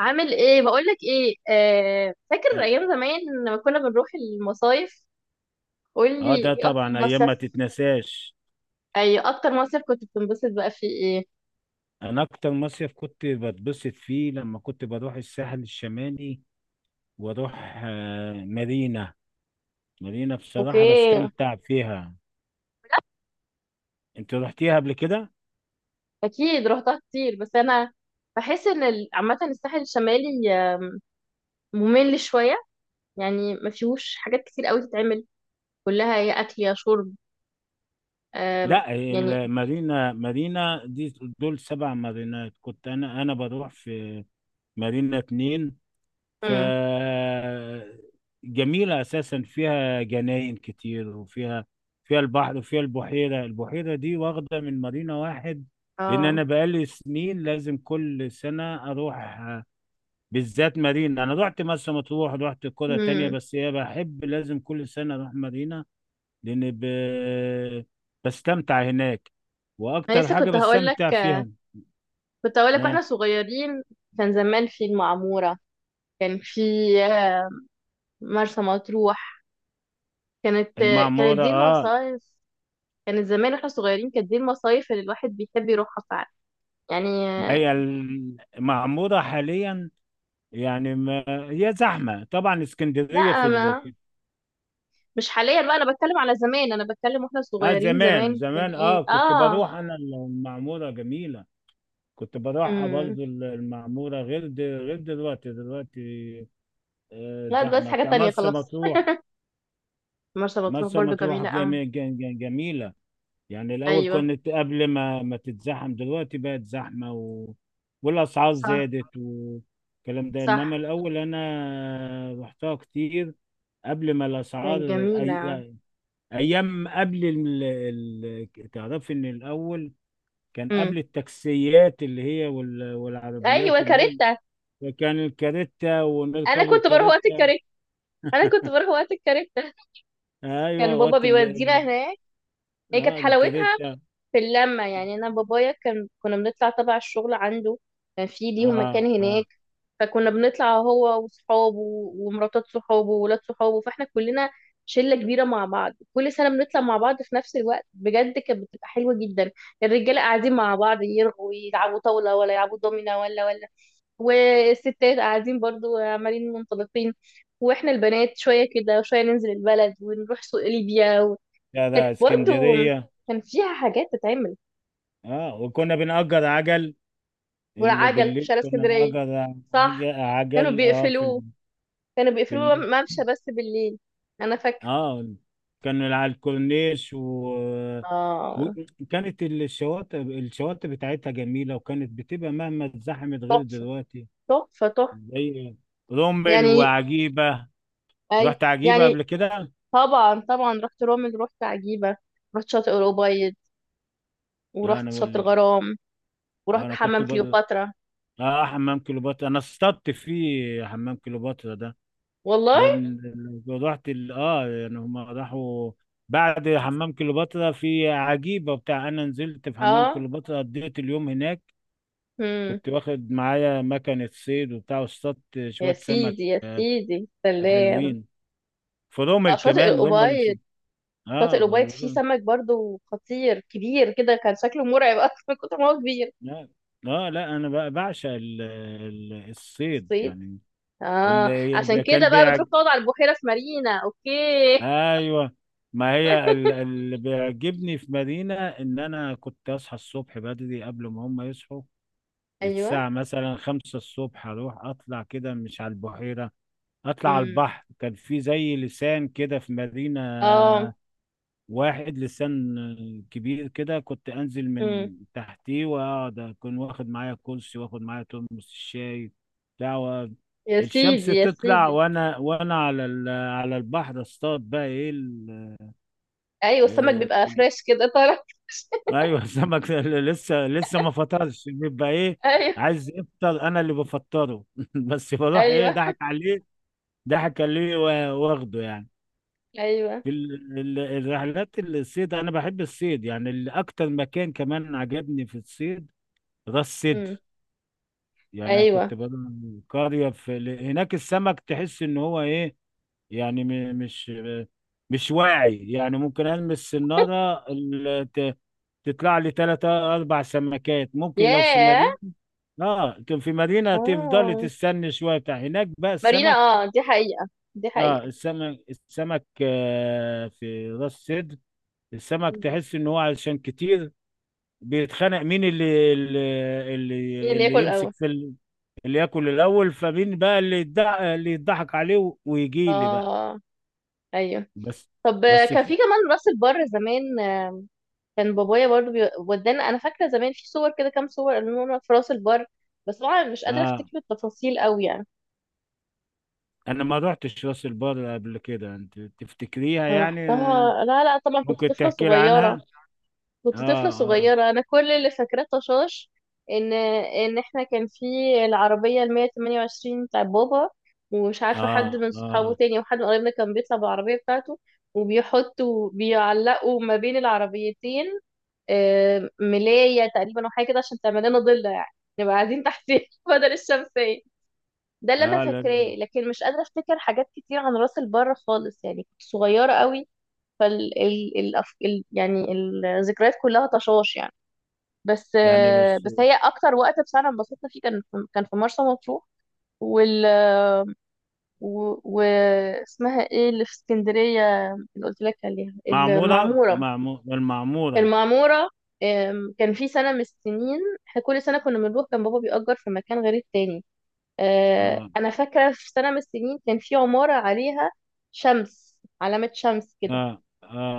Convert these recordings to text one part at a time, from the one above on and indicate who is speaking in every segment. Speaker 1: عامل ايه؟ بقولك ايه، فاكر
Speaker 2: اه.
Speaker 1: ايام زمان لما كنا بنروح المصايف؟ قولي
Speaker 2: ده
Speaker 1: ايه اكتر
Speaker 2: طبعا ايام
Speaker 1: مصيف.
Speaker 2: ما تتنساش.
Speaker 1: اي اكتر مصيف كنت بتنبسط بقى فيه ايه؟
Speaker 2: انا اكتر مصيف كنت بتبسط فيه لما كنت بروح الساحل الشمالي، واروح مارينا. مارينا
Speaker 1: اوكي.
Speaker 2: بصراحة بستمتع فيها. انت رحتيها قبل كده؟
Speaker 1: اكيد رحتها كتير، بس انا بحس ان عامه الساحل الشمالي ممل شويه، يعني ما فيهوش حاجات كتير قوي تتعمل، كلها يا اكل يا شرب. آم،
Speaker 2: لا،
Speaker 1: يعني.
Speaker 2: المارينا، مارينا دي دول سبع مارينات. كنت انا بروح في مارينا اتنين. ف
Speaker 1: امم
Speaker 2: جميلة أساسا، فيها جناين كتير، وفيها البحر، وفيها البحيرة. البحيرة دي واخدة من مارينا واحد. لأن
Speaker 1: اه
Speaker 2: أنا بقالي سنين لازم كل سنة أروح، بالذات مارينا. أنا رحت مرسى مطروح، رحت قرى تانية،
Speaker 1: امم
Speaker 2: بس هي بحب لازم كل سنة أروح مارينا. لأن ب... بستمتع هناك،
Speaker 1: انا
Speaker 2: وأكتر
Speaker 1: لسه
Speaker 2: حاجة
Speaker 1: كنت هقول لك،
Speaker 2: بستمتع فيها.
Speaker 1: كنت هقول لك
Speaker 2: آه.
Speaker 1: واحنا صغيرين كان زمان في المعموره، كان في آه، مرسى مطروح. كانت، كانت
Speaker 2: المعمورة،
Speaker 1: دي
Speaker 2: آه.
Speaker 1: المصايف، كانت زمان واحنا صغيرين كانت دي المصايف اللي الواحد بيحب يروحها فعلا، يعني.
Speaker 2: هي المعمورة حاليا، يعني ما هي زحمة طبعا.
Speaker 1: لا، ما مش حاليا بقى، انا بتكلم على زمان، انا بتكلم واحنا
Speaker 2: اه،
Speaker 1: صغيرين
Speaker 2: زمان،
Speaker 1: زمان كان
Speaker 2: زمان،
Speaker 1: ايه،
Speaker 2: كنت
Speaker 1: اه.
Speaker 2: بروح انا المعمورة جميلة. كنت بروحها
Speaker 1: امم
Speaker 2: برضو، المعمورة غير دلوقتي. دلوقتي
Speaker 1: لا دلوقتي
Speaker 2: زحمة
Speaker 1: حاجة
Speaker 2: بتاع
Speaker 1: تانية
Speaker 2: مرسى
Speaker 1: خلاص.
Speaker 2: مطروح.
Speaker 1: مرسى مطروح
Speaker 2: مرسى
Speaker 1: برضو
Speaker 2: مطروح
Speaker 1: جميلة أوي.
Speaker 2: جميلة. يعني الأول،
Speaker 1: ايوه،
Speaker 2: كنت قبل ما تتزحم. دلوقتي بقت زحمة، والأسعار
Speaker 1: صح،
Speaker 2: زادت والكلام ده. إنما
Speaker 1: صح.
Speaker 2: الأول أنا رحتها كتير قبل ما الأسعار.
Speaker 1: كانت جميلة.
Speaker 2: ايام قبل تعرفي ان الاول كان
Speaker 1: امم،
Speaker 2: قبل التاكسيات اللي هي والعربيات
Speaker 1: ايوه
Speaker 2: اللي
Speaker 1: كاريتا.
Speaker 2: هي، كان الكاريتا،
Speaker 1: انا
Speaker 2: ونركبوا
Speaker 1: كنت بروح وقت
Speaker 2: الكاريتا.
Speaker 1: الكاريتا، انا كنت بروح وقت الكاريتا،
Speaker 2: ايوه،
Speaker 1: كان بابا بيودينا هناك. هي كانت
Speaker 2: اه،
Speaker 1: حلاوتها
Speaker 2: الكاريتا.
Speaker 1: في اللمة، يعني. أنا بابايا كان، كنا بنطلع تبع الشغل عنده، كان في ليهم
Speaker 2: اه،
Speaker 1: مكان
Speaker 2: اه،
Speaker 1: هناك. فكنا بنطلع هو وصحابه ومراتات صحابه وولاد صحابه، فاحنا كلنا شلة كبيرة مع بعض، كل سنة بنطلع مع بعض في نفس الوقت، بجد كانت بتبقى حلوة جدا. الرجالة قاعدين مع بعض يرغوا يلعبوا طاولة ولا يلعبوا دومينة ولا، والستات قاعدين برضو عمالين منطلقين، واحنا البنات شوية كده وشوية ننزل البلد ونروح سوق ليبيا و...
Speaker 2: لا،
Speaker 1: كانت
Speaker 2: لا،
Speaker 1: برضو،
Speaker 2: اسكندريه.
Speaker 1: كان فيها حاجات تتعمل.
Speaker 2: اه، وكنا بنأجر عجل. اللي
Speaker 1: والعجل في
Speaker 2: بالليل
Speaker 1: شارع
Speaker 2: كنا
Speaker 1: اسكندرية،
Speaker 2: نأجر
Speaker 1: صح. كانوا
Speaker 2: عجل،
Speaker 1: بيقفلوه، كانوا
Speaker 2: في
Speaker 1: بيقفلوه
Speaker 2: الليل.
Speaker 1: ممشى بس بالليل. انا فاكره.
Speaker 2: اه، كان على الكورنيش،
Speaker 1: اه.
Speaker 2: وكانت الشواطئ بتاعتها جميلة، وكانت بتبقى مهما اتزحمت غير
Speaker 1: تحفه،
Speaker 2: دلوقتي.
Speaker 1: تحفه تحفه،
Speaker 2: زي رمل
Speaker 1: يعني.
Speaker 2: وعجيبة.
Speaker 1: اي،
Speaker 2: رحت عجيبة
Speaker 1: يعني،
Speaker 2: قبل كده؟
Speaker 1: طبعا طبعا رحت رومل، رحت عجيبه، رحت شاطئ الأبيض، ورحت
Speaker 2: انا
Speaker 1: شاطئ
Speaker 2: وال...
Speaker 1: الغرام، ورحت
Speaker 2: انا كنت
Speaker 1: حمام
Speaker 2: بقى،
Speaker 1: كليوباترا.
Speaker 2: اه، حمام كليوباترا، انا اصطدت في حمام كليوباترا ده.
Speaker 1: والله.
Speaker 2: رغم إن رحت ال... اه يعني هم راحوا بعد حمام كليوباترا في عجيبة بتاع. انا نزلت في حمام
Speaker 1: اه.
Speaker 2: كليوباترا، قضيت اليوم هناك.
Speaker 1: هم.
Speaker 2: كنت واخد معايا مكنة صيد وبتاع، واصطدت
Speaker 1: يا
Speaker 2: شوية سمك.
Speaker 1: سيدي يا
Speaker 2: آه،
Speaker 1: سيدي، سلام.
Speaker 2: حلوين. فرومل
Speaker 1: شاطئ
Speaker 2: كمان هم اللي
Speaker 1: الأبيض،
Speaker 2: في
Speaker 1: شاطئ
Speaker 2: اه
Speaker 1: الأبيض فيه
Speaker 2: و-
Speaker 1: سمك برضو خطير، كبير كده كان شكله مرعب اصلا من كتر ما هو كبير.
Speaker 2: لا، لا انا بقى بعشق الصيد
Speaker 1: صيد،
Speaker 2: يعني.
Speaker 1: اه. عشان
Speaker 2: اللي كان
Speaker 1: كده بقى
Speaker 2: بيعج
Speaker 1: بتروح تقعد على البحيرة في مارينا. اوكي.
Speaker 2: ايوه، ما هي اللي بيعجبني في مدينة ان انا كنت اصحى الصبح بدري قبل ما هم يصحوا.
Speaker 1: ايوه.
Speaker 2: الساعة مثلا خمسة الصبح، اروح اطلع كده، مش على البحيرة، اطلع على
Speaker 1: امم
Speaker 2: البحر. كان في زي لسان كده في مدينة.
Speaker 1: اه
Speaker 2: واحد لسان كبير كده، كنت انزل
Speaker 1: امم
Speaker 2: من تحتيه واقعد، اكون واخد معايا كرسي، واخد معايا ترمس الشاي بتاع و-
Speaker 1: يا
Speaker 2: الشمس
Speaker 1: سيدي يا
Speaker 2: تطلع،
Speaker 1: سيدي.
Speaker 2: وانا على على البحر اصطاد، بقى ايه
Speaker 1: ايوه السمك
Speaker 2: آه،
Speaker 1: بيبقى فريش كده طرى.
Speaker 2: ايوه، سمك لسه ما فطرش. بيبقى ايه؟
Speaker 1: ايوه.
Speaker 2: عايز يفطر، انا اللي بفطره. بس بروح ايه،
Speaker 1: ايوه.
Speaker 2: ضحك عليه. ضحك عليه، واخده يعني.
Speaker 1: ايوه.
Speaker 2: الرحلات الصيد، انا بحب الصيد يعني. اللي اكتر مكان كمان عجبني في الصيد راس
Speaker 1: امم.
Speaker 2: سدر. يعني انا
Speaker 1: ايوه.
Speaker 2: كنت بروح قريه هناك، السمك تحس ان هو ايه. يعني مش واعي يعني، ممكن المس السناره تطلع لي ثلاثة اربع سمكات. ممكن لو في
Speaker 1: ياه.
Speaker 2: مدينه. اه، كان في مدينه تفضلي
Speaker 1: اه،
Speaker 2: تستني شويه بتاع، هناك بقى
Speaker 1: مارينا.
Speaker 2: السمك.
Speaker 1: اه دي حقيقة، دي
Speaker 2: اه،
Speaker 1: حقيقة.
Speaker 2: السمك في راس سدر، السمك
Speaker 1: مم.
Speaker 2: تحس ان هو عشان كتير بيتخانق مين اللي
Speaker 1: مين اللي
Speaker 2: اللي
Speaker 1: ياكل
Speaker 2: يمسك
Speaker 1: اول؟
Speaker 2: في اللي ياكل الاول. فمين بقى اللي يضحك، عليه ويجي لي بقى.
Speaker 1: اه. ايوه.
Speaker 2: بس.
Speaker 1: طب،
Speaker 2: بس
Speaker 1: كان في
Speaker 2: في
Speaker 1: كمان راس البر زمان، كان بابايا برضو ودانا، انا فاكره زمان في صور كده، كام صور قالوا لنا في راس البر، بس طبعا مش قادره
Speaker 2: اه
Speaker 1: افتكر التفاصيل قوي، يعني.
Speaker 2: انا ما رحتش راس البر قبل كده، انت تفتكريها
Speaker 1: انا
Speaker 2: يعني؟
Speaker 1: رحتها، لا لا طبعا، كنت
Speaker 2: ممكن
Speaker 1: طفله
Speaker 2: تحكي لي
Speaker 1: صغيره،
Speaker 2: عنها.
Speaker 1: كنت طفله
Speaker 2: اه، اه،
Speaker 1: صغيره، انا كل اللي فاكراه طشاش. ان احنا كان في العربيه ال 128 بتاع بابا، ومش عارفه حد
Speaker 2: اه،
Speaker 1: من صحابه
Speaker 2: اه،
Speaker 1: تاني وحد من قرايبنا كان بيطلع بالعربيه بتاعته، وبيحطوا بيعلقوا ما بين العربيتين ملاية تقريبا او حاجة كده، عشان تعمل لنا ضلة يعني، نبقى قاعدين تحتيه بدل الشمسية. ده اللي انا
Speaker 2: اه.
Speaker 1: فاكراه، لكن مش قادرة افتكر حاجات كتير عن راس البر خالص، يعني كنت صغيرة قوي. فال ال ال ال يعني الذكريات كلها طشاش، يعني. بس
Speaker 2: يعني مش
Speaker 1: بس هي اكتر وقت بصراحة انبسطنا فيه كان كان في مرسى مطروح. وال و... و... اسمها ايه اللي في اسكندرية، اللي قلت لك عليها، المعمورة. في
Speaker 2: المعمورة.
Speaker 1: المعمورة. كان في سنة من السنين، احنا كل سنة كنا بنروح، كان بابا بيأجر في مكان غير التاني.
Speaker 2: اه،
Speaker 1: أنا فاكرة في سنة من السنين كان في عمارة عليها شمس، علامة شمس كده.
Speaker 2: اه،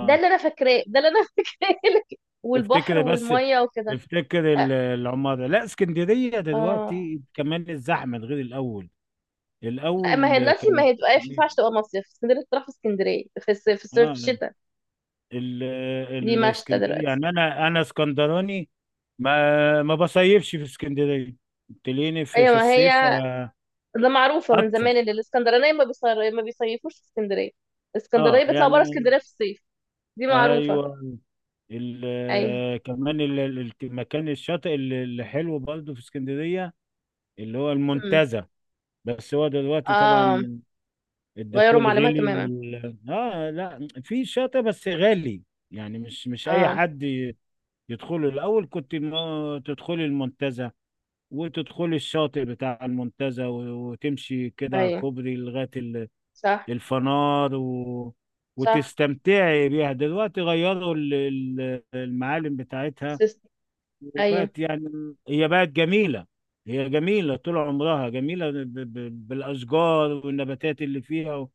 Speaker 1: ده اللي أنا فاكراه، ده اللي أنا فاكراه لك، والبحر
Speaker 2: تفتكر بس
Speaker 1: والمية وكده.
Speaker 2: تفتكر
Speaker 1: آه.
Speaker 2: العمارة. لا، اسكندرية
Speaker 1: آه.
Speaker 2: دلوقتي كمان الزحمة غير الأول.
Speaker 1: لا، ما هي
Speaker 2: الأول
Speaker 1: دلوقتي ما
Speaker 2: كانت
Speaker 1: هي تبقى، ما ينفعش
Speaker 2: جميلة.
Speaker 1: تبقى مصيف اسكندرية، تروح في اسكندرية في الصيف؟ في الصيف،
Speaker 2: اه
Speaker 1: في
Speaker 2: ال-
Speaker 1: الشتاء،
Speaker 2: ال-
Speaker 1: دي مشتى
Speaker 2: الاسكندرية
Speaker 1: دلوقتي.
Speaker 2: يعني، أنا اسكندراني، ما بصيفش في اسكندرية. تلاقيني
Speaker 1: أيوة
Speaker 2: في
Speaker 1: ما هي،
Speaker 2: الصيف
Speaker 1: ده معروفة من زمان
Speaker 2: أطفش.
Speaker 1: ان الاسكندرانية ما بيصيفوش في اسكندرية، الاسكندرانية
Speaker 2: اه
Speaker 1: بيطلعوا بره
Speaker 2: يعني
Speaker 1: اسكندرية في الصيف، دي معروفة.
Speaker 2: ايوه.
Speaker 1: ايوه.
Speaker 2: المكان الشاطئ اللي حلو برضه في اسكندرية، اللي هو
Speaker 1: امم.
Speaker 2: المنتزه. بس هو دلوقتي
Speaker 1: اه.
Speaker 2: طبعا
Speaker 1: غيروا
Speaker 2: الدخول
Speaker 1: معلمها
Speaker 2: غلي،
Speaker 1: تماما.
Speaker 2: وال اه لا، في شاطئ بس غالي، يعني مش اي
Speaker 1: اه.
Speaker 2: حد يدخله. الاول كنت ما تدخلي المنتزه، وتدخلي الشاطئ بتاع المنتزه، وتمشي كده على
Speaker 1: ايوه.
Speaker 2: الكوبري لغايه
Speaker 1: صح،
Speaker 2: الفنار،
Speaker 1: صح.
Speaker 2: وتستمتعي بيها. دلوقتي غيروا المعالم بتاعتها
Speaker 1: سيستم. ايوه.
Speaker 2: وبقت يعني. هي بقت جميله، هي جميله طول عمرها، جميله بالاشجار والنباتات اللي فيها.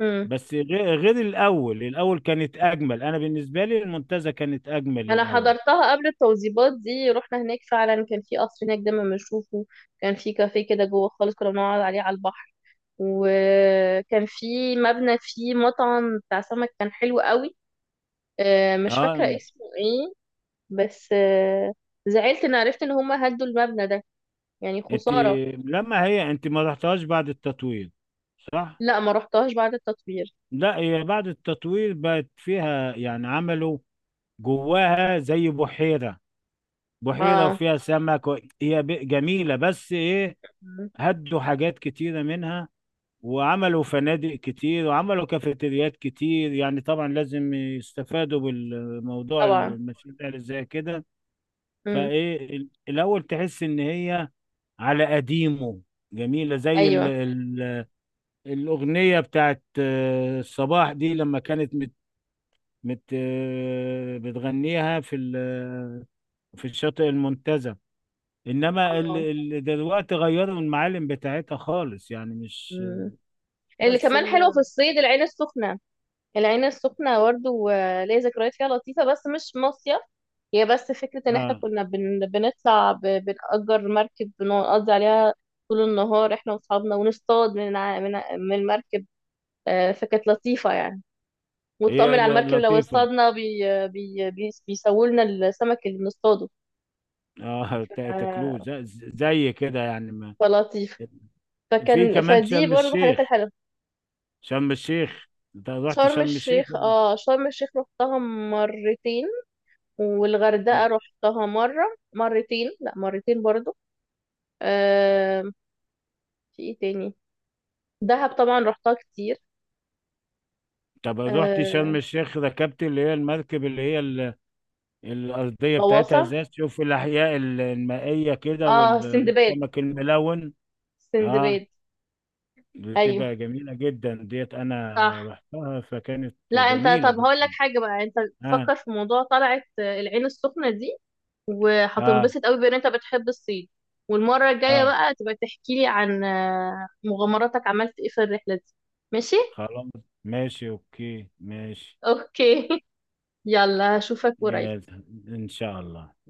Speaker 1: امم.
Speaker 2: بس غير، الاول. الاول كانت اجمل. انا بالنسبه لي المنتزه كانت اجمل
Speaker 1: انا
Speaker 2: الاول.
Speaker 1: حضرتها قبل التوزيبات دي، رحنا هناك فعلا، كان في قصر هناك دايما بنشوفه، كان في كافيه كده جوه خالص كنا بنقعد عليه على البحر، وكان في مبنى فيه مطعم بتاع سمك كان حلو قوي، مش
Speaker 2: اه
Speaker 1: فاكرة اسمه ايه، بس زعلت ان عرفت ان هما هدوا المبنى ده، يعني
Speaker 2: انت
Speaker 1: خسارة.
Speaker 2: لما هي، انت ما رحتهاش بعد التطوير، صح؟
Speaker 1: لا ما رحتهاش بعد التطوير.
Speaker 2: لا، هي بعد التطوير بقت فيها، يعني عملوا جواها زي بحيره. بحيره
Speaker 1: اه.
Speaker 2: وفيها سمك، جميله، بس ايه،
Speaker 1: مم.
Speaker 2: هدوا حاجات كتيره منها، وعملوا فنادق كتير، وعملوا كافيتريات كتير. يعني طبعا لازم يستفادوا بالموضوع،
Speaker 1: طبعا.
Speaker 2: المشاريع اللي زي كده.
Speaker 1: مم.
Speaker 2: الاول تحس ان هي على قديمه، جميله زي ال
Speaker 1: ايوه.
Speaker 2: ال الاغنيه بتاعت الصباح دي، لما كانت مت مت آه، بتغنيها في الشاطئ المنتزه. انما ال
Speaker 1: اه.
Speaker 2: ال دلوقتي غيروا المعالم بتاعتها خالص، يعني مش
Speaker 1: مم. اللي
Speaker 2: بس
Speaker 1: كمان حلوة
Speaker 2: ال
Speaker 1: في الصيد العين السخنة، العين السخنة برضه ليا ذكريات فيها لطيفة بس مش مصيف، هي بس فكرة ان احنا
Speaker 2: اه،
Speaker 1: كنا بنطلع بنأجر مركب، بنقضي عليها طول النهار احنا واصحابنا، ونصطاد من من المركب، فكانت لطيفة يعني،
Speaker 2: هي
Speaker 1: ونطمن
Speaker 2: إيه
Speaker 1: على
Speaker 2: ده،
Speaker 1: المركب لو
Speaker 2: لطيفه.
Speaker 1: اصطادنا بي بيسووا لنا السمك اللي بنصطاده،
Speaker 2: اه، تاكلوه،
Speaker 1: ف-
Speaker 2: زي زي كده يعني ما
Speaker 1: فلطيف،
Speaker 2: في
Speaker 1: فكان
Speaker 2: كمان
Speaker 1: فدي
Speaker 2: شرم
Speaker 1: برضه من الحاجات
Speaker 2: الشيخ.
Speaker 1: الحلوة.
Speaker 2: شرم الشيخ، انت رحت
Speaker 1: شرم
Speaker 2: شرم الشيخ
Speaker 1: الشيخ،
Speaker 2: قبل؟
Speaker 1: اه شرم الشيخ رحتها مرتين، والغردقة رحتها مرة، مرتين، لا مرتين برضه. آه. في ايه تاني؟ دهب طبعا رحتها كتير.
Speaker 2: طب رحت
Speaker 1: آه.
Speaker 2: شرم الشيخ، ركبت اللي هي المركب اللي هي الأرضية بتاعتها
Speaker 1: غواصة.
Speaker 2: ازاز، تشوف الأحياء المائية كده،
Speaker 1: اه سندباد.
Speaker 2: والسمك الملون.
Speaker 1: سندباد.
Speaker 2: اه،
Speaker 1: ايوه.
Speaker 2: بتبقى جميلة جدا ديت. أنا
Speaker 1: صح.
Speaker 2: رحتها فكانت
Speaker 1: لا انت،
Speaker 2: جميلة
Speaker 1: طب هقول
Speaker 2: جدا.
Speaker 1: لك حاجة بقى، انت
Speaker 2: اه،
Speaker 1: تفكر في موضوع طلعت العين السخنة دي،
Speaker 2: اه،
Speaker 1: وهتنبسط قوي بان انت بتحب الصيد. والمره الجايه
Speaker 2: اه.
Speaker 1: بقى تبقى تحكي لي عن مغامراتك، عملت ايه في الرحله دي. ماشي.
Speaker 2: خلاص. ماشي، أوكي، ماشي.
Speaker 1: اوكي. يلا اشوفك قريب.
Speaker 2: يلا، إن شاء الله.